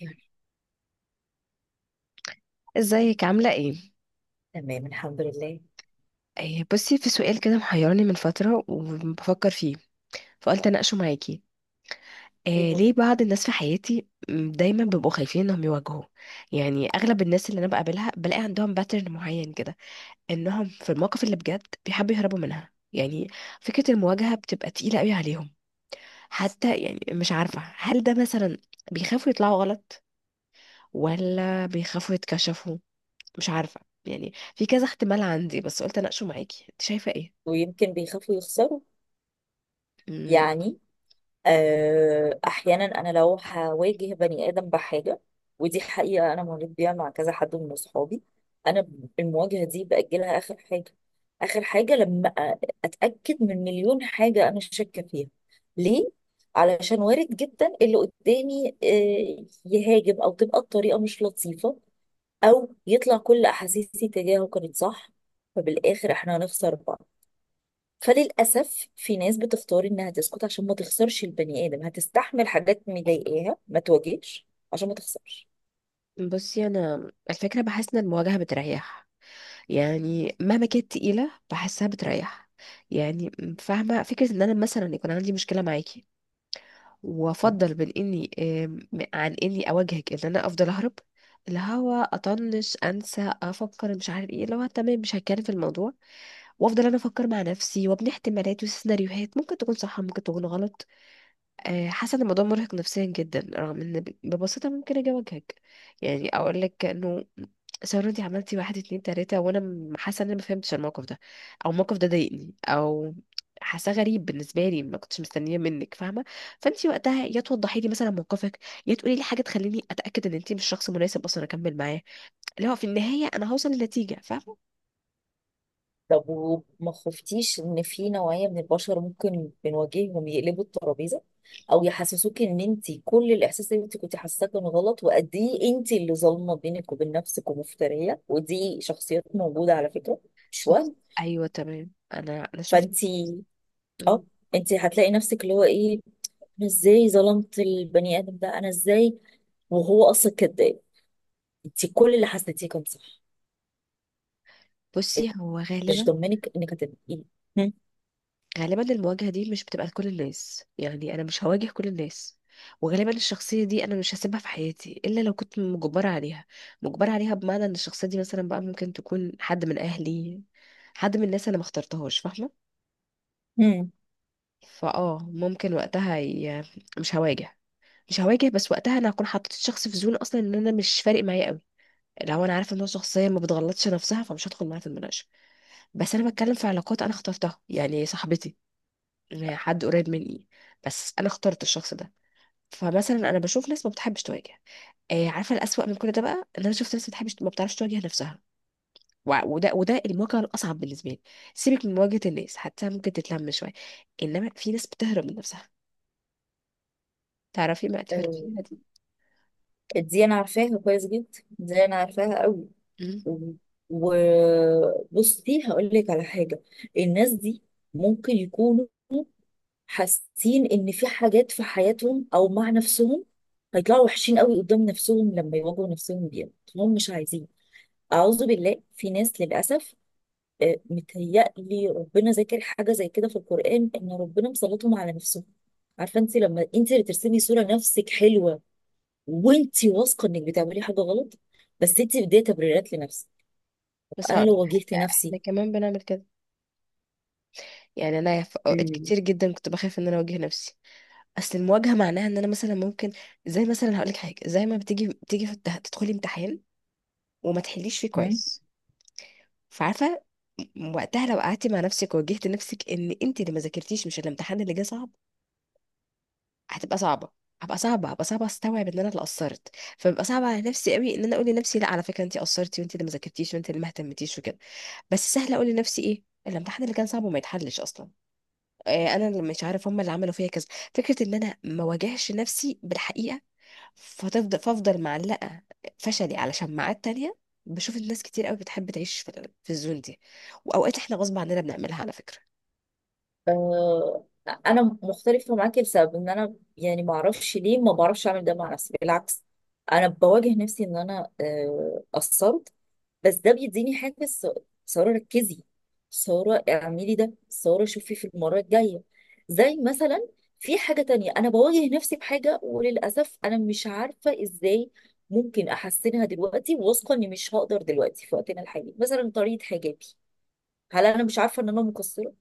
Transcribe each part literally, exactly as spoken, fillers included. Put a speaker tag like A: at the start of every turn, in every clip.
A: يعني،
B: ازيك عاملة ايه؟
A: تمام الحمد لله.
B: آه، بصي في سؤال كده محيرني من فترة وبفكر فيه فقلت اناقشه معاكي. آه
A: ايوه.
B: ليه بعض الناس في حياتي م، دايما بيبقوا خايفين انهم يواجهوا. يعني اغلب الناس اللي انا بقابلها بلاقي عندهم باترن معين كده، انهم في المواقف اللي بجد بيحبوا يهربوا منها يعني. فكرة المواجهة بتبقى تقيلة قوي عليهم. حتى يعني مش عارفة هل ده مثلا بيخافوا يطلعوا غلط، ولا بيخافوا يتكشفوا، مش عارفة. يعني في كذا احتمال عندي، بس قلت اناقشه معاكي. انت شايفة ايه؟
A: ويمكن بيخافوا يخسروا.
B: مم.
A: يعني آه احيانا انا لو هواجه بني ادم بحاجه، ودي حقيقه انا مريت بيها مع كذا حد من اصحابي. انا المواجهه دي باجلها اخر حاجه. اخر حاجه لما أ- اتاكد من مليون حاجه انا شاكه فيها. ليه؟ علشان وارد جدا اللي قدامي آه، يهاجم، او تبقى الطريقه مش لطيفه، او يطلع كل احاسيسي تجاهه كانت صح، فبالاخر احنا هنخسر بعض. فللاسف في ناس بتختار انها تسكت عشان ما تخسرش البني ادم، هتستحمل حاجات مضايقاها ما تواجهش عشان ما تخسرش.
B: بصي انا الفكره بحس ان المواجهه بتريح. يعني مهما كانت تقيله بحسها بتريح. يعني م- فاهمه فكره ان انا مثلا يكون عندي مشكله معاكي، وافضل بين اني آم، عن اني اواجهك، ان انا افضل اهرب، اللي هو اطنش انسى افكر مش عارف ايه، اللي هو تمام مش هتكلم في الموضوع وافضل انا افكر مع نفسي وابني احتمالات وسيناريوهات ممكن تكون صح ممكن تكون غلط. آه، حاسه ان الموضوع مرهق نفسيا جدا، رغم ان ب- ببساطه ممكن اجي اواجهك. يعني اقول لك انه سارة انت عملتي واحد اتنين تلاته، وانا م- حاسه ان انا ما فهمتش الموقف ده، او الموقف ده ضايقني، او حاساه غريب بالنسبه لي ما كنتش مستنيه منك، فاهمه. فانت وقتها يا توضحي لي مثلا موقفك، يا تقولي لي حاجه تخليني اتاكد ان انت مش شخص مناسب اصلا اكمل معاه، اللي هو في النهايه انا هوصل لنتيجه، فاهمه.
A: طب وما خفتيش ان في نوعية من البشر ممكن بنواجههم يقلبوا الترابيزة، او يحسسوك ان انت كل الاحساس اللي انت كنت حاساه كان غلط، وقد ايه انت اللي ظالمة بينك وبين نفسك ومفترية؟ ودي شخصيات موجودة على فكرة، مش
B: شخص،
A: وهم.
B: ايوه تمام، انا انا شفت.
A: فانت اه
B: مم.
A: انت هتلاقي نفسك اللي هو ايه. انا ازاي ظلمت البني ادم ده؟ انا ازاي وهو اصلا كداب؟ انت كل اللي حسيتيه كان صح.
B: بصي هو
A: مش
B: غالبا،
A: ضمنك انك هتبقي إيه؟ هم.
B: غالبا المواجهة دي مش بتبقى لكل الناس، يعني أنا مش هواجه كل الناس. وغالبا الشخصية دي أنا مش هسيبها في حياتي إلا لو كنت مجبرة عليها. مجبرة عليها بمعنى إن الشخصية دي مثلا بقى ممكن تكون حد من أهلي، حد من الناس أنا ما اخترتهاش، فاهمة.
A: هم.
B: فأه ممكن وقتها ي... مش هواجه، مش هواجه، بس وقتها أنا هكون حطيت الشخص في زون أصلا، إن أنا مش فارق معايا قوي. لو أنا عارفة إن هو شخصية ما بتغلطش نفسها، فمش هدخل معاها في المناقشة. بس أنا بتكلم في علاقات أنا اخترتها، يعني صاحبتي، حد قريب مني، بس انا اخترت الشخص ده. فمثلا انا بشوف ناس ما بتحبش تواجه. آه عارفه الأسوأ من كل ده بقى، ان انا شفت ناس ما بتحبش ما بتعرفش تواجه نفسها. وع- وده وده المواجهه الاصعب بالنسبه لي. سيبك من مواجهه الناس حتى ممكن تتلم شويه، انما في ناس بتهرب من نفسها. تعرفي ما
A: آه،
B: تهربيها دي.
A: دي انا عارفاها كويس جدا. دي انا عارفاها قوي.
B: مم.
A: وبصي هقول لك على حاجه. الناس دي ممكن يكونوا حاسين ان في حاجات في حياتهم او مع نفسهم هيطلعوا وحشين قوي قدام نفسهم لما يواجهوا نفسهم بيها. هم مش عايزين. أعوذ بالله، في ناس للأسف، آه، متهيألي ربنا ذاكر حاجة زي كده في القرآن إن ربنا مسلطهم على نفسهم. عارفة أنت؟ لما أنت اللي ترسمي صورة نفسك حلوة، وأنت واثقة إنك بتعملي حاجة غلط، بس أنت بدي تبريرات لنفسك.
B: بس
A: أنا
B: هقول
A: لو
B: لك
A: واجهت
B: حاجه،
A: نفسي.
B: احنا كمان بنعمل كده. يعني انا في اوقات
A: مم.
B: كتير جدا كنت بخاف ان انا اواجه نفسي. اصل المواجهه معناها ان انا مثلا ممكن، زي مثلا هقول لك حاجه، زي ما بتيجي بتيجي في- التح- تدخلي امتحان وما تحليش فيه
A: هم؟
B: كويس. فعارفه، م- وقتها لو قعدتي مع نفسك وواجهت نفسك ان انت اللي ما ذاكرتيش، مش الامتحان اللي جه صعب، هتبقى صعبه. هبقى صعبه، هبقى صعبه استوعب ان انا اللي قصرت. فببقى صعبه على نفسي قوي ان انا اقول لنفسي لا على فكره انت قصرتي، وانت اللي ما ذاكرتيش، وانت اللي ما اهتمتيش، وكده. بس سهله اقول لنفسي ايه الامتحان اللي كان صعب وما يتحلش اصلا. آه، انا اللي مش عارف، هم اللي عملوا فيا كذا. فكره ان انا ما واجهش نفسي بالحقيقه، فتفضل فافضل معلقة، فشلي على شماعات تانية. بشوف الناس كتير قوي بتحب تعيش في ال- في الزون دي. واوقات احنا غصب عننا بنعملها على فكرة.
A: آه، أنا مختلفة معاكي لسبب إن أنا يعني معرفش ليه، ما بعرفش أعمل ده مع نفسي. بالعكس، أنا بواجه نفسي إن أنا آه، قصرت. بس ده بيديني حافز. سارة ركزي. سارة اعملي ده. سارة شوفي في المرة الجاية. زي مثلا، في حاجة تانية أنا بواجه نفسي بحاجة، وللأسف أنا مش عارفة إزاي ممكن أحسنها دلوقتي، واثقة إني مش هقدر دلوقتي في وقتنا الحالي. مثلا طريقة حجابي، هل أنا مش عارفة إن أنا مقصرة؟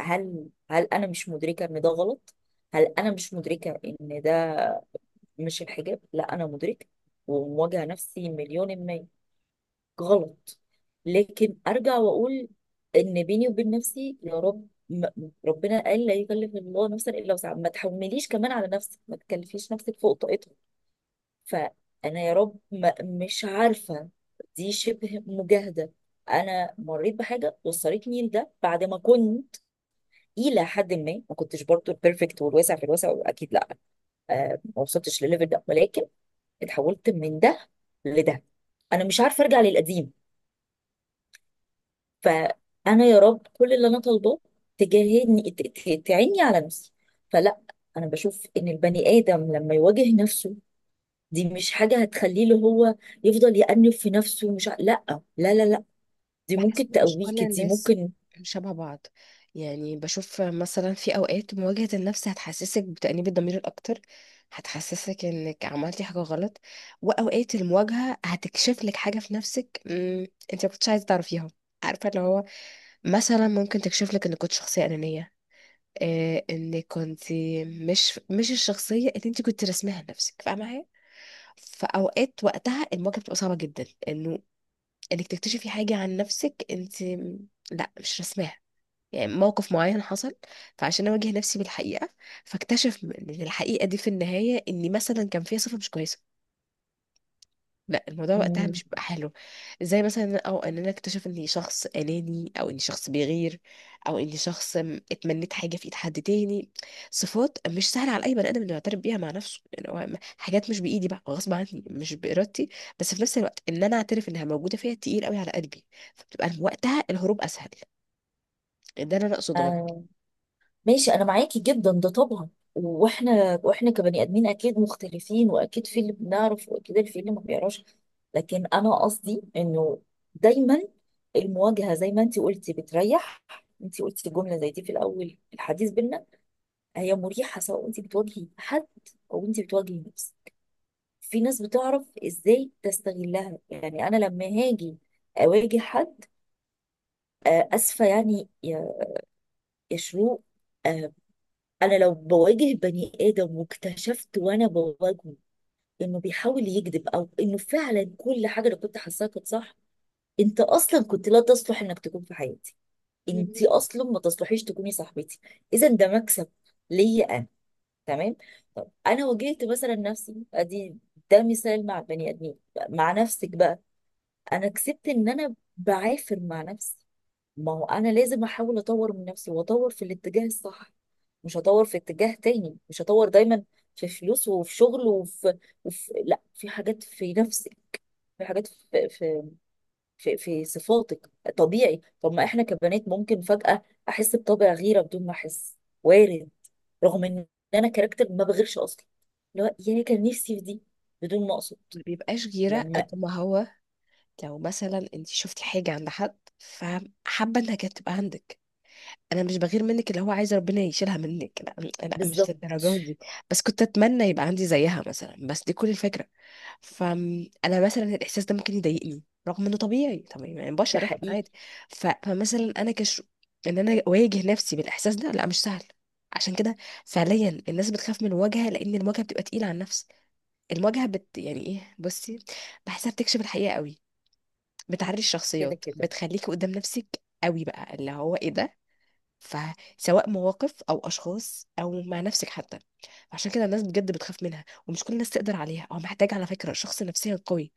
A: هل هل أنا مش مدركة إن ده غلط؟ هل أنا مش مدركة إن ده مش الحجاب؟ لا، أنا مدركة. ومواجهة نفسي مليون في المية غلط. لكن ارجع واقول ان بيني وبين نفسي يا رب، م- ربنا قال لا يكلف الله نفسا الا وسعها. ما تحمليش كمان على نفسك، ما تكلفيش نفسك فوق طاقتها. فانا يا رب ما، مش عارفه. دي شبه مجاهده. انا مريت بحاجه وصلتني لده بعد ما كنت الى حد ما، ما كنتش برضو البيرفكت، والواسع في الواسع اكيد لا. آه ما وصلتش لليفل ده، ولكن اتحولت من ده لده. انا مش عارفه ارجع للقديم. فانا يا رب كل اللي انا طالباه، تجاهدني، ت- ت- تعيني على نفسي. فلا، انا بشوف ان البني ادم لما يواجه نفسه، دي مش حاجه هتخليه اللي هو يفضل يأنف في نفسه. مش ع... لا، لا لا لا. دي
B: بحس
A: ممكن
B: ان مش كل
A: تقويك، دي
B: الناس
A: ممكن.
B: شبه بعض. يعني بشوف مثلا في اوقات مواجهة النفس هتحسسك بتأنيب الضمير الاكتر، هتحسسك انك عملتي حاجة غلط. واوقات المواجهة هتكشف لك حاجة في نفسك مم، انت ما كنتش عايزة تعرفيها. عارفة اللي هو، مثلا ممكن تكشف لك انك كنت شخصية أنانية، آه ان كنت مش مش الشخصيه اللي انت كنت رسمها لنفسك، فاهمه معايا. فاوقات وقتها المواجهه بتبقى صعبه جدا انه، انك تكتشفي حاجه عن نفسك انت م- لا مش رسماها، يعني موقف معين حصل. فعشان اواجه نفسي بالحقيقه، فاكتشف ان الحقيقه دي في النهايه اني مثلا كان فيها صفه مش كويسه، لا الموضوع وقتها مش بيبقى حلو. زي مثلا او ان انا اكتشف اني شخص اناني، او اني شخص بيغير، او اني شخص م- اتمنيت حاجه في ايد حد تاني. صفات مش سهله على اي بني ادم انه يعترف بيها مع نفسه، يعني هو م- حاجات مش بايدي بقى، غصب عني مش بارادتي، بس في نفس الوقت ان انا اعترف انها موجوده فيا تقيل قوي على قلبي. فبتبقى وقتها الهروب اسهل. ده اللي انا اقصده.
A: مم. ماشي، انا معاكي جدا ده طبعا. واحنا واحنا كبني ادمين اكيد مختلفين، واكيد في اللي بنعرف واكيد في اللي ما بيعرفش. لكن انا قصدي انه دايما، المواجهه زي ما انت قلتي بتريح. انت قلتي جمله زي دي في الاول الحديث بينا. هي مريحه، سواء انت بتواجهي حد، او انت بتواجهي نفسك. في ناس بتعرف ازاي تستغلها. يعني انا لما هاجي اواجه حد، آه، اسفه يعني، يا يا شروق، انا لو بواجه بني ادم واكتشفت وانا بواجهه انه بيحاول يكذب، او انه فعلا كل حاجه انا كنت حاساها كانت صح، انت اصلا كنت لا تصلح انك تكون في حياتي.
B: مم.
A: انت اصلا ما تصلحيش تكوني صاحبتي. اذا ده مكسب ليا انا. تمام. طب انا واجهت مثلا نفسي، ادي ده مثال مع البني ادمين. مع نفسك بقى، انا كسبت ان انا بعافر مع نفسي. ما هو انا لازم احاول اطور من نفسي، واطور في الاتجاه الصح. مش هطور في اتجاه تاني. مش هطور دايما في فلوس، وفي شغل، وفي, وفي لا، في حاجات في نفسك، في حاجات في في في, في صفاتك. طبيعي. طب ما احنا كبنات ممكن فجأة احس بطبع غيرة بدون ما احس. وارد. رغم ان انا كاركتر ما بغيرش اصلا. لا، يا كان نفسي في دي بدون ما اقصد.
B: ما بيبقاش غيرة
A: لما
B: قد ما هو، لو مثلا انت شفتي حاجة عند حد فحابة انها كانت تبقى عندك. انا مش بغير منك اللي هو عايز ربنا يشيلها منك، لا لا مش
A: بالظبط.
B: للدرجه دي. بس كنت اتمنى يبقى عندي زيها مثلا، بس دي كل الفكره. فانا مثلا الاحساس ده ممكن يضايقني رغم انه طبيعي، طبيعي يعني
A: ده
B: بشر احنا
A: حقيقي.
B: عادي. ف- فمثلا انا كش، ان انا اواجه نفسي بالاحساس ده لا مش سهل. عشان كده فعليا الناس بتخاف من الواجهه، لان الواجهه بتبقى تقيله على النفس. المواجهه بت يعني ايه، بصي بحسها بتكشف الحقيقه قوي، بتعري
A: كده
B: الشخصيات،
A: كده.
B: بتخليكي قدام نفسك قوي بقى، اللي هو ايه ده. فسواء مواقف او اشخاص او مع نفسك حتى. عشان كده الناس بجد بتخاف منها، ومش كل الناس تقدر عليها، او محتاج على فكرة شخص نفسيا قوي،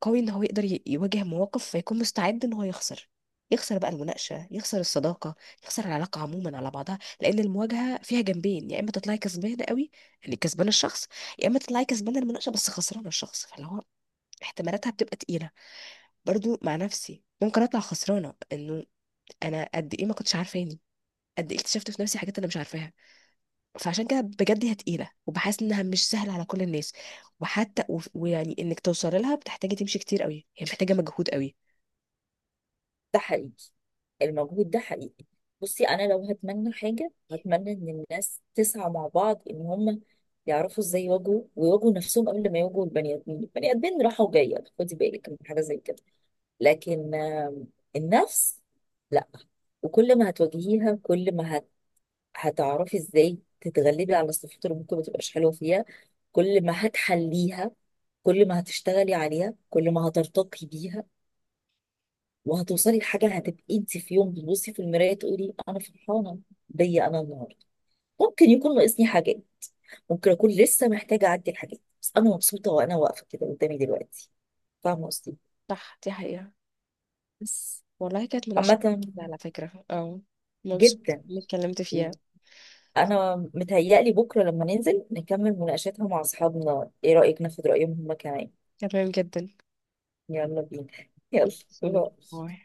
B: قوي ان هو يقدر ي- يواجه مواقف، فيكون مستعد ان هو يخسر. يخسر بقى المناقشة، يخسر الصداقة، يخسر العلاقة عموما على بعضها، لأن المواجهة فيها جنبين، يا إما تطلعي كسبانة قوي، يعني كسبانة الشخص، يا إما تطلعي كسبانة المناقشة بس خسرانة الشخص، فاللي هو احتمالاتها بتبقى تقيلة. برضو مع نفسي ممكن أطلع خسرانة، إنه أنا قد إيه ما كنتش عارفاني، قد ايه اكتشفت في نفسي حاجات انا مش عارفاها. فعشان كده بجد هي تقيله، وبحس انها مش سهله على كل الناس، وحتى وف- ويعني انك توصل لها بتحتاجي تمشي كتير قوي، هي محتاجه مجهود قوي.
A: ده حقيقي. المجهود ده حقيقي. بصي، انا لو هتمنى حاجه، هتمنى ان الناس تسعى مع بعض ان هم يعرفوا ازاي يواجهوا، ويواجهوا نفسهم قبل ما يواجهوا البني ادمين. البني ادمين راحه وجايه، خدي بالك من حاجه زي كده. لكن آم، النفس، لا. وكل ما هتواجهيها، كل ما هت... هتعرفي ازاي تتغلبي على الصفات اللي ممكن ما تبقاش حلوه فيها. كل ما هتحليها، كل ما هتشتغلي عليها، كل ما هترتقي بيها، وهتوصلي لحاجه. هتبقي انت في يوم بتبصي في المرايه تقولي انا فرحانه بيا انا النهارده. ممكن يكون ناقصني حاجات، ممكن اكون لسه محتاجه اعدي الحاجات، بس انا مبسوطه وانا واقفه كده قدامي دلوقتي. فاهمه قصدي؟
B: صح دي حقيقه.
A: بس
B: والله كانت مناقشه
A: عامه.
B: على فكره، اه مبسوطه
A: جدا.
B: اني اتكلمت فيها.
A: انا متهيألي بكره لما ننزل نكمل مناقشاتها مع اصحابنا، ايه رايك ناخد رايهم هما كمان؟
B: تمام جدا.
A: يلا بينا يلا. باي.
B: باي.